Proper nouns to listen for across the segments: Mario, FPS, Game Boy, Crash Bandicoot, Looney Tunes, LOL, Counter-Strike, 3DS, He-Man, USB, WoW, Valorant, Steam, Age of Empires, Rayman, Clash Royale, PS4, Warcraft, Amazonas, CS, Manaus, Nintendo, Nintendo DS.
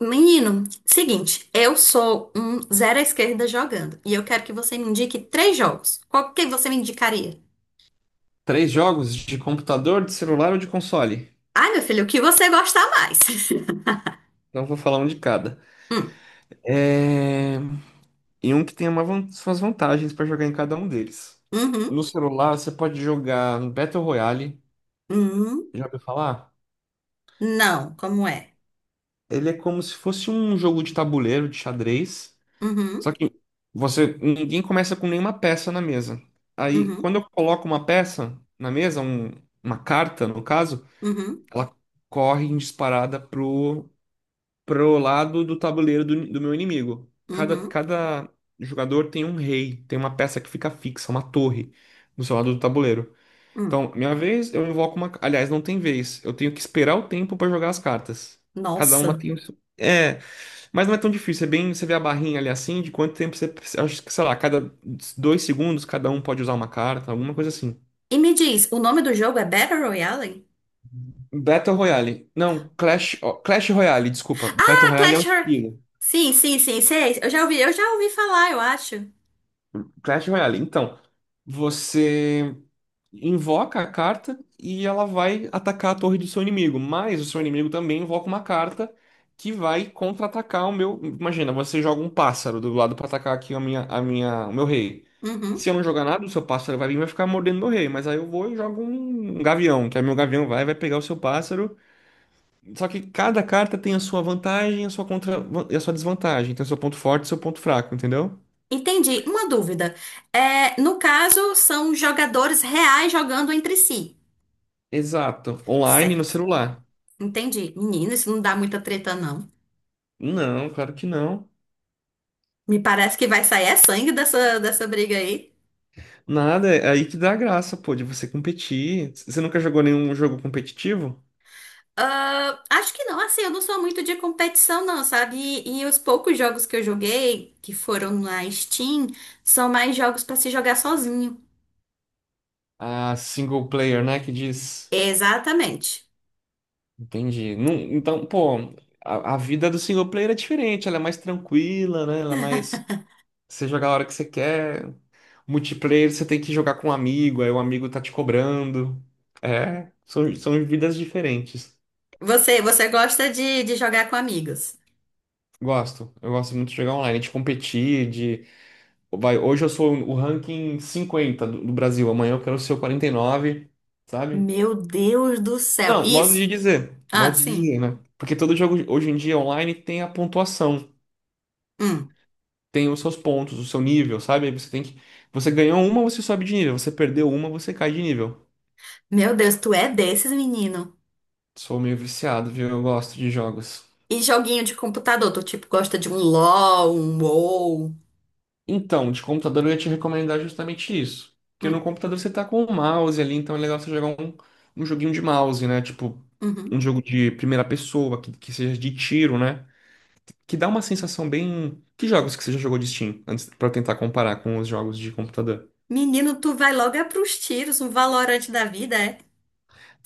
Menino, seguinte, eu sou um zero à esquerda jogando e eu quero que você me indique três jogos. Qual que você me indicaria? Três jogos de computador, de celular ou de console. Ai, meu filho, o que você gosta mais? Então vou falar um de cada. Hum, É... E um que tem uma suas vantagens para jogar em cada um deles. uhum, No celular você pode jogar no Battle Royale. uhum, Já ouviu falar? não, como é? Ele é como se fosse um jogo de tabuleiro, de xadrez. Só Uhum, que você ninguém começa com nenhuma peça na mesa. Aí uhum, quando eu coloco uma peça na mesa, uma carta no caso, uhum, ela corre em disparada pro lado do tabuleiro do meu inimigo. Uhum, Cada jogador tem um rei, tem uma peça que fica fixa, uma torre, do seu lado do tabuleiro. hum. Então, minha vez, eu invoco uma. Aliás, não tem vez. Eu tenho que esperar o tempo para jogar as cartas. Cada uma Nossa. tem o seu. É, mas não é tão difícil. É bem. Você vê a barrinha ali assim, de quanto tempo você acho que, sei lá, cada 2 segundos cada um pode usar uma carta, alguma coisa assim. E me diz, o nome do jogo é Battle Royale? Battle Royale. Não, Clash. Ó, Clash Royale, desculpa. Battle Ah, Royale é o Clash Royale. estilo. Sim, sim, sim, sei. Eu já ouvi falar, eu acho. Clash Royale. Então, você invoca a carta e ela vai atacar a torre do seu inimigo, mas o seu inimigo também invoca uma carta que vai contra-atacar o meu. Imagina, você joga um pássaro do lado para atacar aqui a minha, o meu rei. Uhum. Se eu não jogar nada, o seu pássaro vai vir e vai ficar mordendo meu rei, mas aí eu vou e jogo um gavião, que aí meu gavião vai pegar o seu pássaro. Só que cada carta tem a sua vantagem, a sua contra e a sua desvantagem, tem o seu ponto forte e o seu ponto fraco, entendeu? Entendi. Uma dúvida. É, no caso, são jogadores reais jogando entre si. Exato, online e no Certo. celular. Entendi. Menina, isso não dá muita treta, não. Não, claro que não. Me parece que vai sair é sangue dessa briga aí. Nada, é aí que dá a graça, pô, de você competir. Você nunca jogou nenhum jogo competitivo? Ah, acho que não, assim, eu não sou muito de competição, não, sabe? E os poucos jogos que eu joguei, que foram na Steam, são mais jogos pra se jogar sozinho. Ah, single player, né? Que diz. Exatamente. Entendi. Não, então, pô, a vida do single player é diferente, ela é mais tranquila, né? Ela é mais. Você joga a hora que você quer. Multiplayer, você tem que jogar com um amigo, aí o amigo tá te cobrando. É, são vidas diferentes. Você gosta de jogar com amigos? Gosto, eu gosto muito de jogar online, de competir. Vai, hoje eu sou o ranking 50 do Brasil, amanhã eu quero ser o 49, sabe? Meu Deus do céu. Não, Isso? Ah, modo de dizer, sim. né? Porque todo jogo hoje em dia online tem a pontuação, Hum. tem os seus pontos, o seu nível, sabe? Aí você tem você ganhou uma, você sobe de nível, você perdeu uma, você cai de nível. Meu Deus, tu é desses, menino. Sou meio viciado, viu? Eu gosto de jogos. E joguinho de computador, tu tipo gosta de um LOL, um WoW. Então, de computador eu ia te recomendar justamente isso. Porque no Hum, computador você tá com o mouse ali, então é legal você jogar um joguinho de mouse, né? Tipo, uhum. um jogo de primeira pessoa, que seja de tiro, né? Que dá uma sensação bem. Que jogos que você já jogou de Steam? Antes, pra eu tentar comparar com os jogos de computador. Menino, tu vai logo é pros tiros, um valorante da vida, é?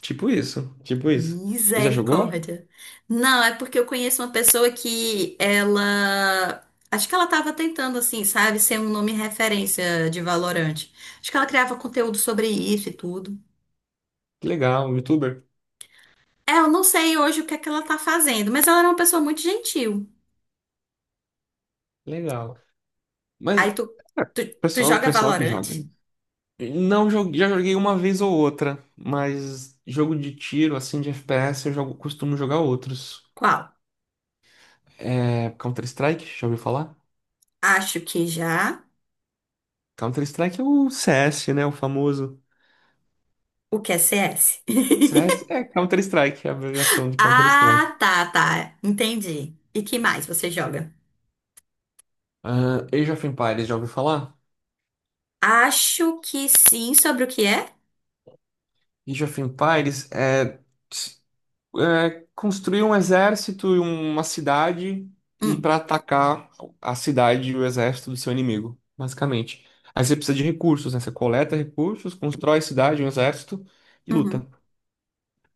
Tipo isso, tipo isso. Você já jogou? Misericórdia. Não, é porque eu conheço uma pessoa que ela. Acho que ela tava tentando, assim, sabe, ser um nome referência de valorante. Acho que ela criava conteúdo sobre isso e tudo. Que legal, um youtuber? É, eu não sei hoje o que é que ela tá fazendo, mas ela era uma pessoa muito gentil. Legal. Aí Mas, tu, tu pessoal, o joga pessoal que valorante? joga. Não joguei, já joguei uma vez ou outra, mas jogo de tiro, assim, de FPS, eu costumo jogar outros. Qual? É, Counter-Strike, já ouviu falar? Acho que já. Counter-Strike é o CS, né? O famoso. O que é CS? CS é Counter-Strike, é a abreviação de Counter-Strike. Ah, tá, tá. Entendi. E que mais você joga? Ah, Age of Empires, já ouviu falar? Acho que sim, sobre o que é? Age of Empires é. É, construir um exército e uma cidade e Hum, para atacar a cidade e o exército do seu inimigo, basicamente. Aí você precisa de recursos, né? Você coleta recursos, constrói cidade, um exército e luta. uhum,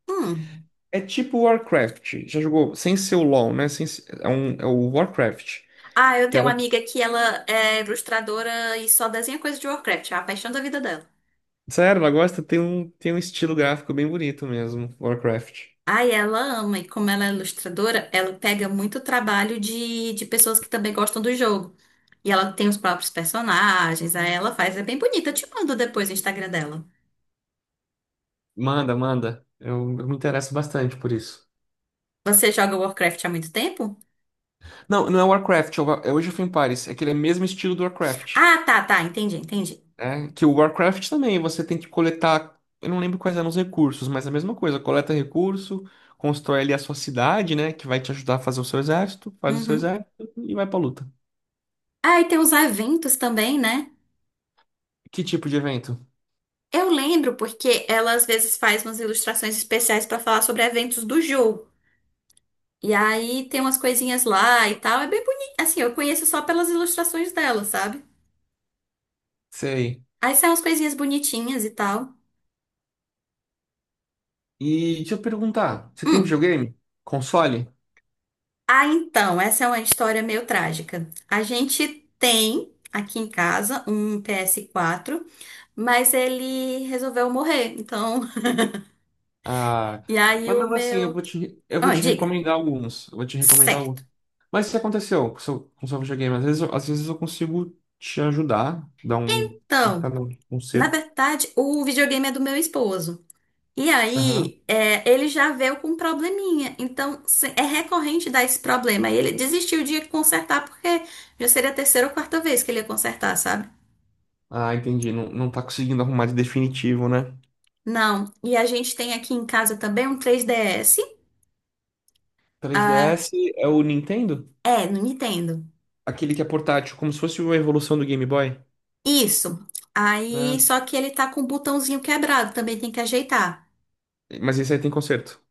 hum. É tipo Warcraft. Já jogou sem ser o LoL, né? Sem, ser- é, um, é o Warcraft. Ah, eu Que tenho era, uma amiga que ela é ilustradora e só desenha coisa de Warcraft, é a paixão da vida dela. sério, ela gosta, tem um estilo gráfico bem bonito mesmo, Warcraft. Ai, ela ama, e como ela é ilustradora, ela pega muito trabalho de pessoas que também gostam do jogo. E ela tem os próprios personagens, aí ela faz, é bem bonita. Eu te mando depois o Instagram dela. Manda, manda. Eu me interesso bastante por isso. Você joga Warcraft há muito tempo? Não, não é Warcraft, é Age of Empires. É aquele mesmo estilo do Warcraft. Ah, tá, tá, entendi, entendi. É, que o Warcraft também, você tem que coletar, eu não lembro quais eram os recursos, mas é a mesma coisa, coleta recurso, constrói ali a sua cidade, né, que vai te ajudar a fazer o seu exército, faz o seu Uhum. exército e vai pra luta. Ah, e tem os eventos também, né? Que tipo de evento? Eu lembro porque ela às vezes faz umas ilustrações especiais pra falar sobre eventos do jogo. E aí tem umas coisinhas lá e tal, é bem bonito. Assim, eu conheço só pelas ilustrações dela, sabe? Sei. Aí são umas coisinhas bonitinhas e tal. E deixa eu perguntar, você tem Hum. videogame? Console? Ah, então, essa é uma história meio trágica. A gente tem aqui em casa um PS4, mas ele resolveu morrer. Então, Ah, e aí mas o mesmo assim, meu. Eu vou Ah, te diga. recomendar alguns, eu vou te recomendar Certo. alguns. Mas o que aconteceu com o com o seu videogame? Às vezes, às vezes eu consigo te ajudar, dar Então, um na conserto. verdade, o videogame é do meu esposo. E aí, é, ele já veio com um probleminha. Então, é recorrente dar esse problema. E ele desistiu de consertar, porque já seria a terceira ou quarta vez que ele ia consertar, sabe? Ah, entendi. Não, não tá conseguindo arrumar de definitivo, né? Não. E a gente tem aqui em casa também um 3DS. Ah, 3DS é o Nintendo? é, no Nintendo. Aquele que é portátil, como se fosse uma evolução do Game Boy. Isso. Ah, Aí, só que ele tá com um botãozinho quebrado, também tem que ajeitar. mas esse aí tem conserto.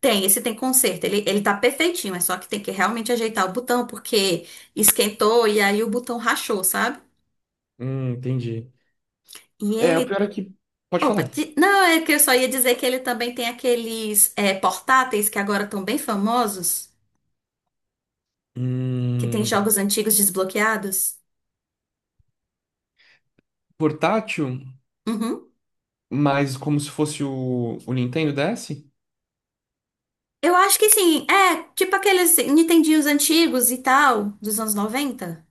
Tem, esse tem conserto. Ele tá perfeitinho, é só que tem que realmente ajeitar o botão, porque esquentou e aí o botão rachou, sabe? Entendi. E É, o ele. pior é que. Pode Opa, falar. Não, é que eu só ia dizer que ele também tem aqueles portáteis que agora estão bem famosos, que tem Hum, jogos antigos desbloqueados. portátil, Uhum. mas como se fosse o Nintendo DS? Eu acho que sim, tipo aqueles Nintendinhos antigos e tal, dos anos noventa.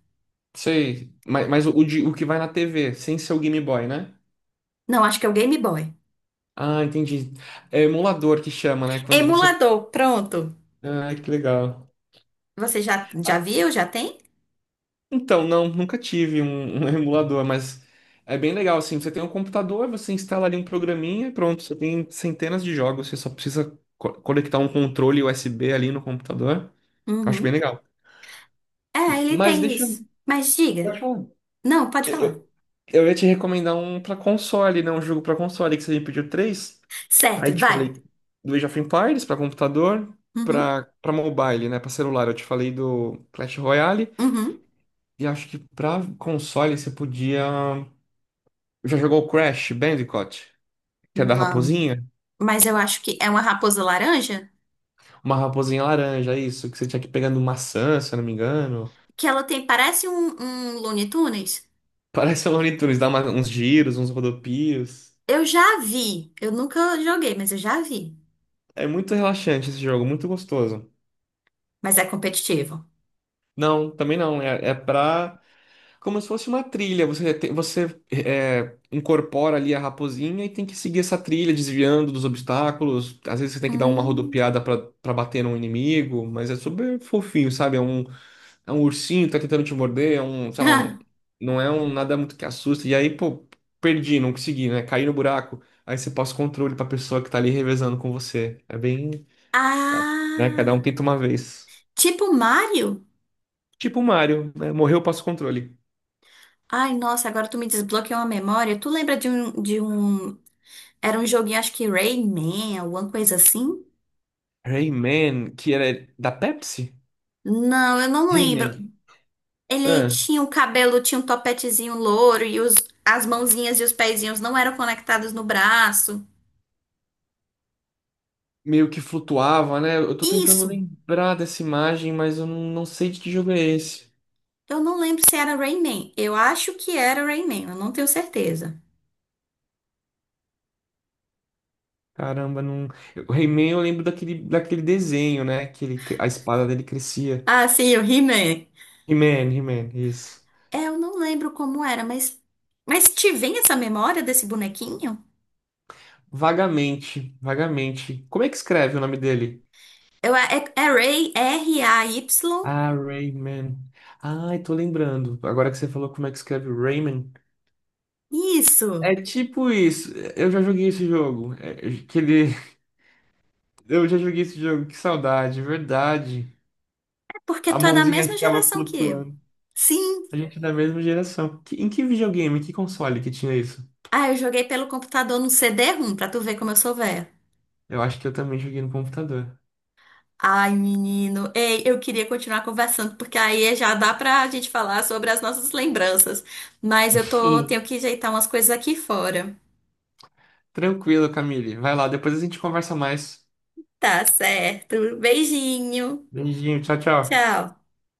Sei. Mas o que vai na TV, sem ser o Game Boy, né? Não, acho que é o Game Boy. Ah, entendi. É emulador que chama, né? Quando você. Emulador, pronto. Ah, que legal. Você já viu? Já tem? Então, não, nunca tive um emulador, mas é bem legal, assim, você tem um computador, você instala ali um programinha e pronto, você tem centenas de jogos, você só precisa conectar um controle USB ali no computador. Acho bem Uhum. legal. É, ele Mas tem deixa eu... isso. Mas diga. Pode falar. Não, pode Eu, falar. eu- eu ia te recomendar um pra console, né? Um jogo pra console, que você me pediu três. Aí Certo, te vai. falei do Age of Empires pra computador, Uhum, pra para mobile, né? Pra celular, eu te falei do Clash Royale. uhum. E acho que pra console você podia. Já jogou Crash Bandicoot? Que é da Não. raposinha? Mas eu acho que é uma raposa laranja Uma raposinha laranja, isso. Que você tinha que ir pegando maçã, se eu não me engano. que ela tem, parece um, um Looney Tunes. Parece o Looney Tunes, dá uns giros, uns rodopios. Eu já vi. Eu nunca joguei, mas eu já vi. É muito relaxante esse jogo, muito gostoso. Mas é competitivo. Não, também não. É, é pra. Como se fosse uma trilha. Você incorpora ali a raposinha e tem que seguir essa trilha, desviando dos obstáculos. Às vezes você tem que dar uma Hum. rodopiada pra bater num inimigo, mas é super fofinho, sabe? É um ursinho que tá tentando te morder, não é um nada muito que assusta. E aí, pô, perdi, não consegui, né? Caí no buraco. Aí você passa o controle pra pessoa que tá ali revezando com você. É bem, né? Cada um Ah, tenta uma vez. tipo Mario? Tipo o Mario, né? Morreu, passa o controle. Ai, nossa, agora tu me desbloqueou uma memória. Tu lembra de um, era um joguinho, acho que Rayman, alguma coisa assim? Rayman, que era da Pepsi? Não, eu não lembro. Rayman. Ele É, tinha o cabelo, tinha um topetezinho louro e as mãozinhas e os pezinhos não eram conectados no braço. meio que flutuava, né? Eu tô tentando Isso! lembrar dessa imagem, mas eu não sei de que jogo é esse. Eu não lembro se era Rayman. Eu acho que era Rayman, eu não tenho certeza. Caramba, não. O He-Man eu lembro daquele, daquele desenho, né? Que ele, a espada dele crescia. Ah, sim, o He-Man. He-Man, He-Man, isso. É, eu não lembro como era, mas. Mas te vem essa memória desse bonequinho? Vagamente, vagamente. Como é que escreve o nome dele? Eu, é, é Ray, Ray? Ah, Rayman. Ai, tô lembrando. Agora que você falou como é que escreve Rayman. Isso! É tipo isso. Eu já joguei esse jogo. Que ele... Eu já joguei esse jogo. Que saudade, verdade. É porque A tu é da mãozinha mesma ficava geração que eu. flutuando. Sim! A gente é da mesma geração. Em que videogame, que console que tinha isso? Ah, eu joguei pelo computador no CD-ROM, pra tu ver como eu sou velha. Eu acho que eu também joguei no computador. Ai, menino. Ei, eu queria continuar conversando, porque aí já dá pra gente falar sobre as nossas lembranças. Mas eu Hum. tenho que ajeitar umas coisas aqui fora. Tranquilo, Camille. Vai lá, depois a gente conversa mais. Tá certo. Beijinho. Beijinho, tchau, tchau. Tchau.